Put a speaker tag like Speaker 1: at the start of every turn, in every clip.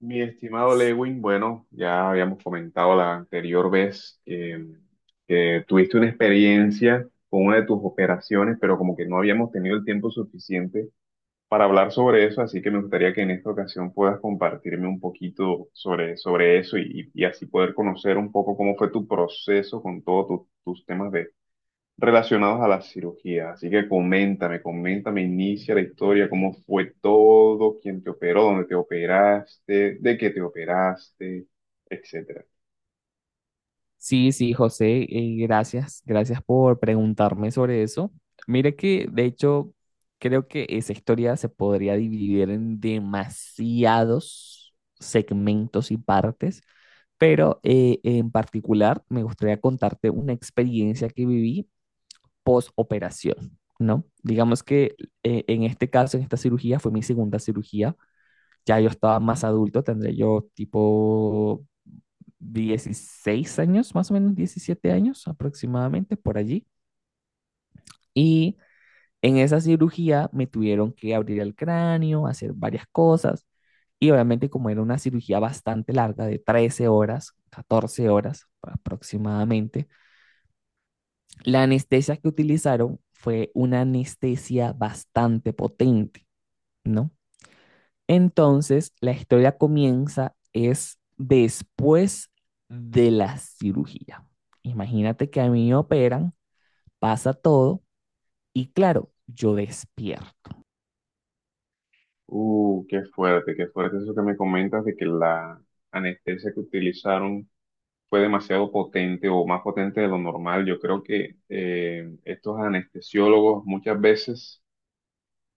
Speaker 1: Mi estimado Lewin, bueno, ya habíamos comentado la anterior vez que tuviste una experiencia con una de tus operaciones, pero como que no habíamos tenido el tiempo suficiente para hablar sobre eso, así que me gustaría que en esta ocasión puedas compartirme un poquito sobre eso y así poder conocer un poco cómo fue tu proceso con todos tus temas relacionados a la cirugía. Así que coméntame, coméntame, inicia la historia, cómo fue todo, quién te operó, dónde te operaste, de qué te operaste, etcétera.
Speaker 2: Sí, sí, José, gracias, gracias por preguntarme sobre eso. Mire que, de hecho, creo que esa historia se podría dividir en demasiados segmentos y partes, pero en particular me gustaría contarte una experiencia que viví post operación, ¿no? Digamos que en este caso, en esta cirugía, fue mi segunda cirugía. Ya yo estaba más adulto, tendré yo tipo 16 años, más o menos 17 años aproximadamente, por allí. Y en esa cirugía me tuvieron que abrir el cráneo, hacer varias cosas. Y obviamente como era una cirugía bastante larga, de 13 horas, 14 horas aproximadamente, la anestesia que utilizaron fue una anestesia bastante potente, ¿no? Entonces, la historia comienza es después de la cirugía. Imagínate que a mí me operan, pasa todo y claro, yo despierto.
Speaker 1: Qué fuerte, qué fuerte eso que me comentas de que la anestesia que utilizaron fue demasiado potente o más potente de lo normal. Yo creo que estos anestesiólogos muchas veces.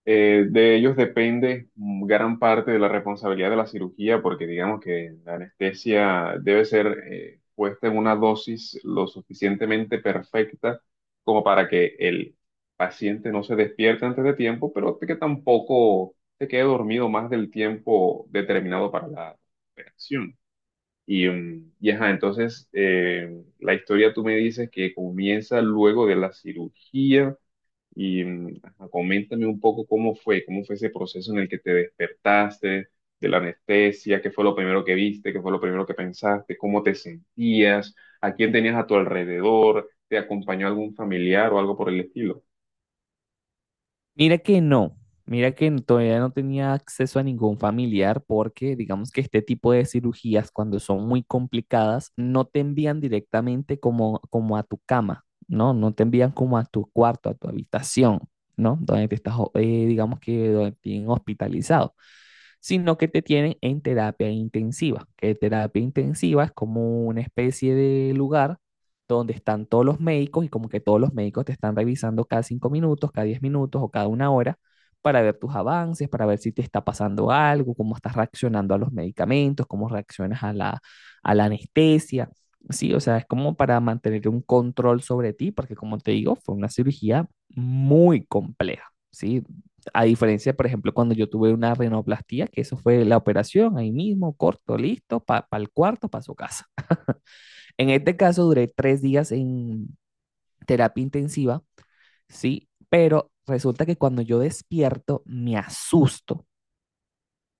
Speaker 1: De ellos depende gran parte de la responsabilidad de la cirugía, porque digamos que la anestesia debe ser puesta en una dosis lo suficientemente perfecta como para que el paciente no se despierte antes de tiempo, pero que tampoco se quede dormido más del tiempo determinado para la operación. Y ajá, entonces la historia tú me dices que comienza luego de la cirugía y ajá, coméntame un poco cómo fue ese proceso en el que te despertaste de la anestesia, qué fue lo primero que viste, qué fue lo primero que pensaste, cómo te sentías, a quién tenías a tu alrededor, te acompañó algún familiar o algo por el estilo.
Speaker 2: Mira que no, mira que todavía no tenía acceso a ningún familiar porque digamos que este tipo de cirugías cuando son muy complicadas no te envían directamente como a tu cama, ¿no? No te envían como a tu cuarto, a tu habitación, ¿no? Donde te estás, digamos que donde te tienen hospitalizado, sino que te tienen en terapia intensiva, que terapia intensiva es como una especie de lugar donde están todos los médicos y como que todos los médicos te están revisando cada 5 minutos, cada 10 minutos o cada una hora para ver tus avances, para ver si te está pasando algo, cómo estás reaccionando a los medicamentos, cómo reaccionas a la anestesia. Sí, o sea, es como para mantener un control sobre ti, porque como te digo, fue una cirugía muy compleja, ¿sí? A diferencia, por ejemplo, cuando yo tuve una rinoplastía, que eso fue la operación ahí mismo, corto, listo, para pa el cuarto, para su casa. En este caso duré 3 días en terapia intensiva, ¿sí? Pero resulta que cuando yo despierto me asusto,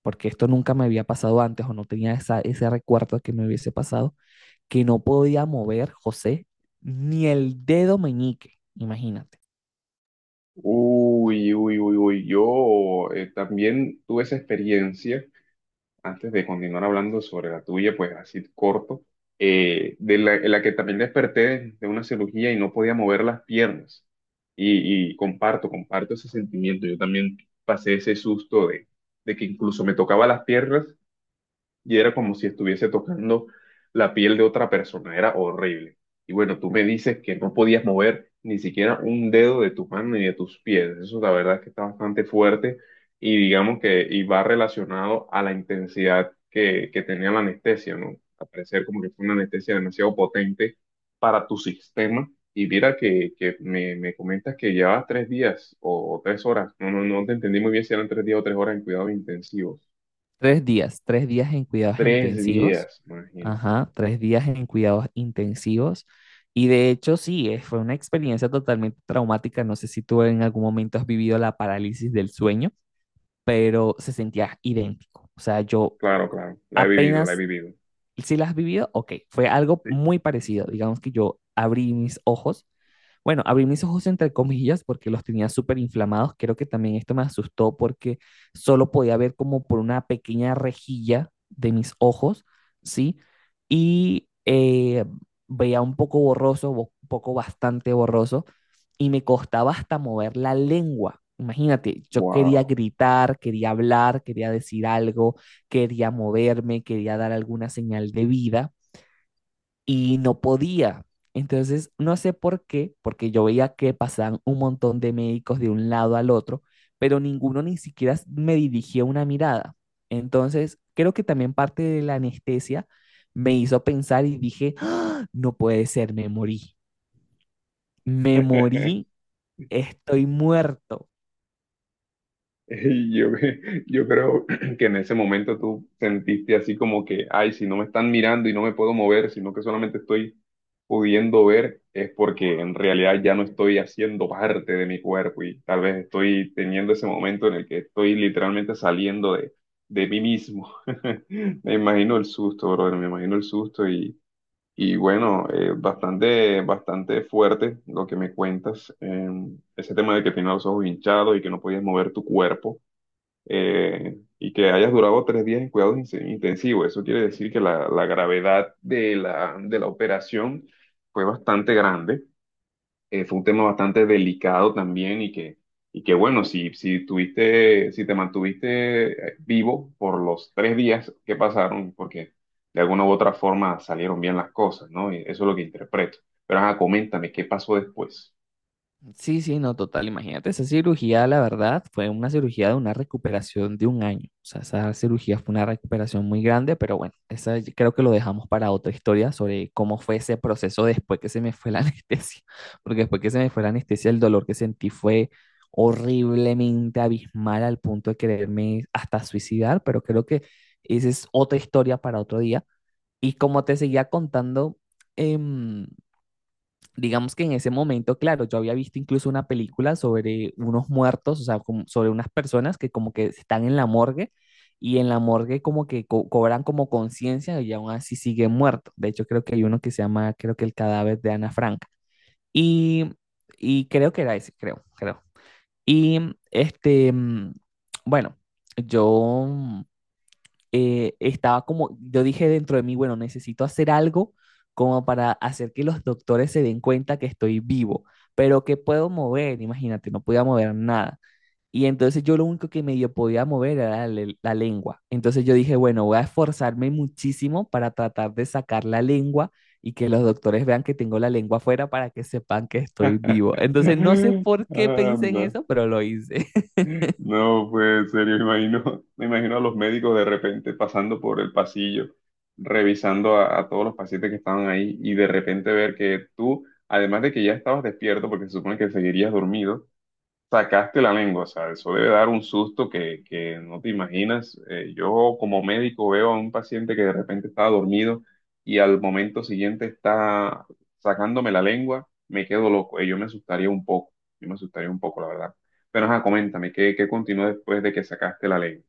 Speaker 2: porque esto nunca me había pasado antes o no tenía esa, ese recuerdo que me hubiese pasado, que no podía mover, José, ni el dedo meñique, imagínate.
Speaker 1: Uy, uy, uy, uy, yo también tuve esa experiencia antes de continuar hablando sobre la tuya, pues así corto, en la que también desperté una cirugía y no podía mover las piernas. Y comparto, comparto ese sentimiento. Yo también pasé ese susto de que incluso me tocaba las piernas y era como si estuviese tocando la piel de otra persona, era horrible. Y bueno, tú me dices que no podías mover ni siquiera un dedo de tu mano ni de tus pies, eso la verdad es que está bastante fuerte y digamos que y va relacionado a la intensidad que tenía la anestesia, ¿no? Al parecer como que fue una anestesia demasiado potente para tu sistema. Y mira que, que me comentas que llevabas 3 días o 3 horas. No, no, no te entendí muy bien si eran 3 días o 3 horas en cuidados intensivos.
Speaker 2: 3 días, 3 días en cuidados
Speaker 1: Tres
Speaker 2: intensivos,
Speaker 1: días, imagínate.
Speaker 2: ajá, 3 días en cuidados intensivos. Y de hecho, sí, fue una experiencia totalmente traumática. No sé si tú en algún momento has vivido la parálisis del sueño, pero se sentía idéntico. O sea, yo
Speaker 1: Claro, claro, la he vivido, la he
Speaker 2: apenas,
Speaker 1: vivido.
Speaker 2: si las has vivido, ok, fue algo
Speaker 1: Sí.
Speaker 2: muy parecido. Digamos que yo abrí mis ojos, bueno, abrí mis ojos entre comillas porque los tenía súper inflamados. Creo que también esto me asustó porque solo podía ver como por una pequeña rejilla de mis ojos, ¿sí? Y veía un poco borroso, un poco bastante borroso, y me costaba hasta mover la lengua. Imagínate, yo quería
Speaker 1: Wow.
Speaker 2: gritar, quería hablar, quería decir algo, quería moverme, quería dar alguna señal de vida, y no podía. Entonces, no sé por qué, porque yo veía que pasaban un montón de médicos de un lado al otro, pero ninguno ni siquiera me dirigía una mirada. Entonces, creo que también parte de la anestesia me hizo pensar y dije, "¡Ah! No puede ser, me morí, estoy muerto".
Speaker 1: Y yo creo que en ese momento tú sentiste así como que, ay, si no me están mirando y no me puedo mover, sino que solamente estoy pudiendo ver, es porque en realidad ya no estoy haciendo parte de mi cuerpo y tal vez estoy teniendo ese momento en el que estoy literalmente saliendo de mí mismo. Me imagino el susto, brother, me imagino el susto. Y bueno, bastante, bastante fuerte lo que me cuentas. Ese tema de que tienes los ojos hinchados y que no podías mover tu cuerpo y que hayas durado 3 días en cuidados intensivos. Eso quiere decir que la gravedad de la operación fue bastante grande. Fue un tema bastante delicado también y que bueno, si te mantuviste vivo por los 3 días que pasaron, porque de alguna u otra forma salieron bien las cosas, ¿no? Y eso es lo que interpreto. Pero ajá, coméntame, ¿qué pasó después?
Speaker 2: Sí, sí, no, total. Imagínate, esa cirugía, la verdad, fue una cirugía de una recuperación de 1 año. O sea, esa cirugía fue una recuperación muy grande, pero bueno, esa yo creo que lo dejamos para otra historia sobre cómo fue ese proceso después que se me fue la anestesia. Porque después que se me fue la anestesia, el dolor que sentí fue horriblemente abismal al punto de quererme hasta suicidar, pero creo que esa es otra historia para otro día. Y como te seguía contando, em, digamos que en ese momento, claro, yo había visto incluso una película sobre unos muertos, o sea, sobre unas personas que como que están en la morgue y en la morgue como que cobran como conciencia y aún así siguen muertos. De hecho, creo que hay uno que se llama, creo que el cadáver de Ana Frank. Y, y creo que era ese, creo, creo. Y este, mm, bueno, yo estaba como, yo dije dentro de mí, bueno, necesito hacer algo como para hacer que los doctores se den cuenta que estoy vivo, pero que puedo mover, imagínate, no podía mover nada. Y entonces yo lo único que medio podía mover era la lengua. Entonces yo dije, bueno, voy a esforzarme muchísimo para tratar de sacar la lengua y que los doctores vean que tengo la lengua afuera para que sepan que estoy vivo. Entonces no sé por qué pensé en
Speaker 1: Anda.
Speaker 2: eso, pero lo hice.
Speaker 1: No, pues en serio, me imagino, me imagino a los médicos de repente pasando por el pasillo, revisando a todos los pacientes que estaban ahí y de repente ver que tú, además de que ya estabas despierto, porque se supone que seguirías dormido, sacaste la lengua, o sea, eso debe dar un susto que no te imaginas. Yo como médico veo a un paciente que de repente estaba dormido y al momento siguiente está sacándome la lengua, me quedo loco. Yo me asustaría un poco, yo me asustaría un poco, la verdad. Pero ajá, coméntame, ¿Qué continuó después de que sacaste la lengua?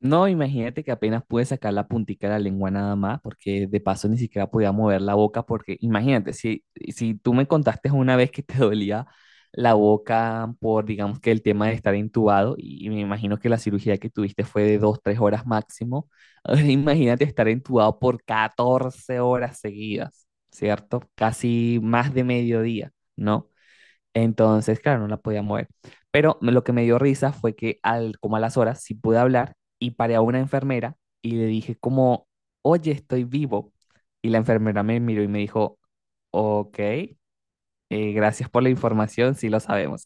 Speaker 2: No, imagínate que apenas pude sacar la puntica de la lengua nada más, porque de paso ni siquiera podía mover la boca, porque imagínate, si tú me contaste una vez que te dolía la boca por, digamos que el tema de estar intubado, y, me imagino que la cirugía que tuviste fue de 2, 3 horas máximo, ahora imagínate estar intubado por 14 horas seguidas, ¿cierto? Casi más de mediodía, ¿no? Entonces, claro, no la podía mover. Pero lo que me dio risa fue que como a las horas sí pude hablar y paré a una enfermera y le dije como, oye, estoy vivo. Y la enfermera me miró y me dijo, ok, gracias por la información, sí lo sabemos.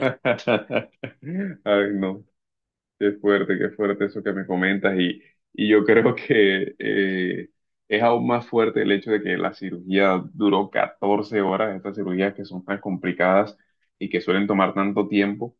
Speaker 1: Ay, no. Qué fuerte eso que me comentas y yo creo que es aún más fuerte el hecho de que la cirugía duró 14 horas, estas cirugías que son tan complicadas y que suelen tomar tanto tiempo.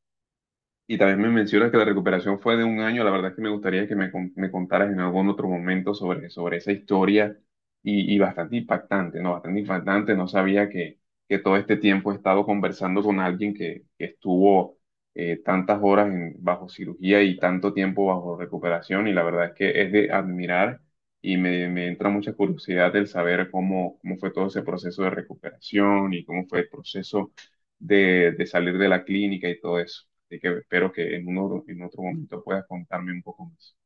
Speaker 1: Y también me mencionas que la recuperación fue de un año. La verdad es que me gustaría que me contaras en algún otro momento sobre esa historia y bastante impactante, ¿no? Bastante impactante. No sabía que todo este tiempo he estado conversando con alguien que estuvo tantas horas bajo cirugía y tanto tiempo bajo recuperación. Y la verdad es que es de admirar y me entra mucha curiosidad el saber cómo, cómo fue todo ese proceso de recuperación y cómo fue el proceso de salir de la clínica y todo eso. Así que espero que en otro momento puedas contarme un poco más.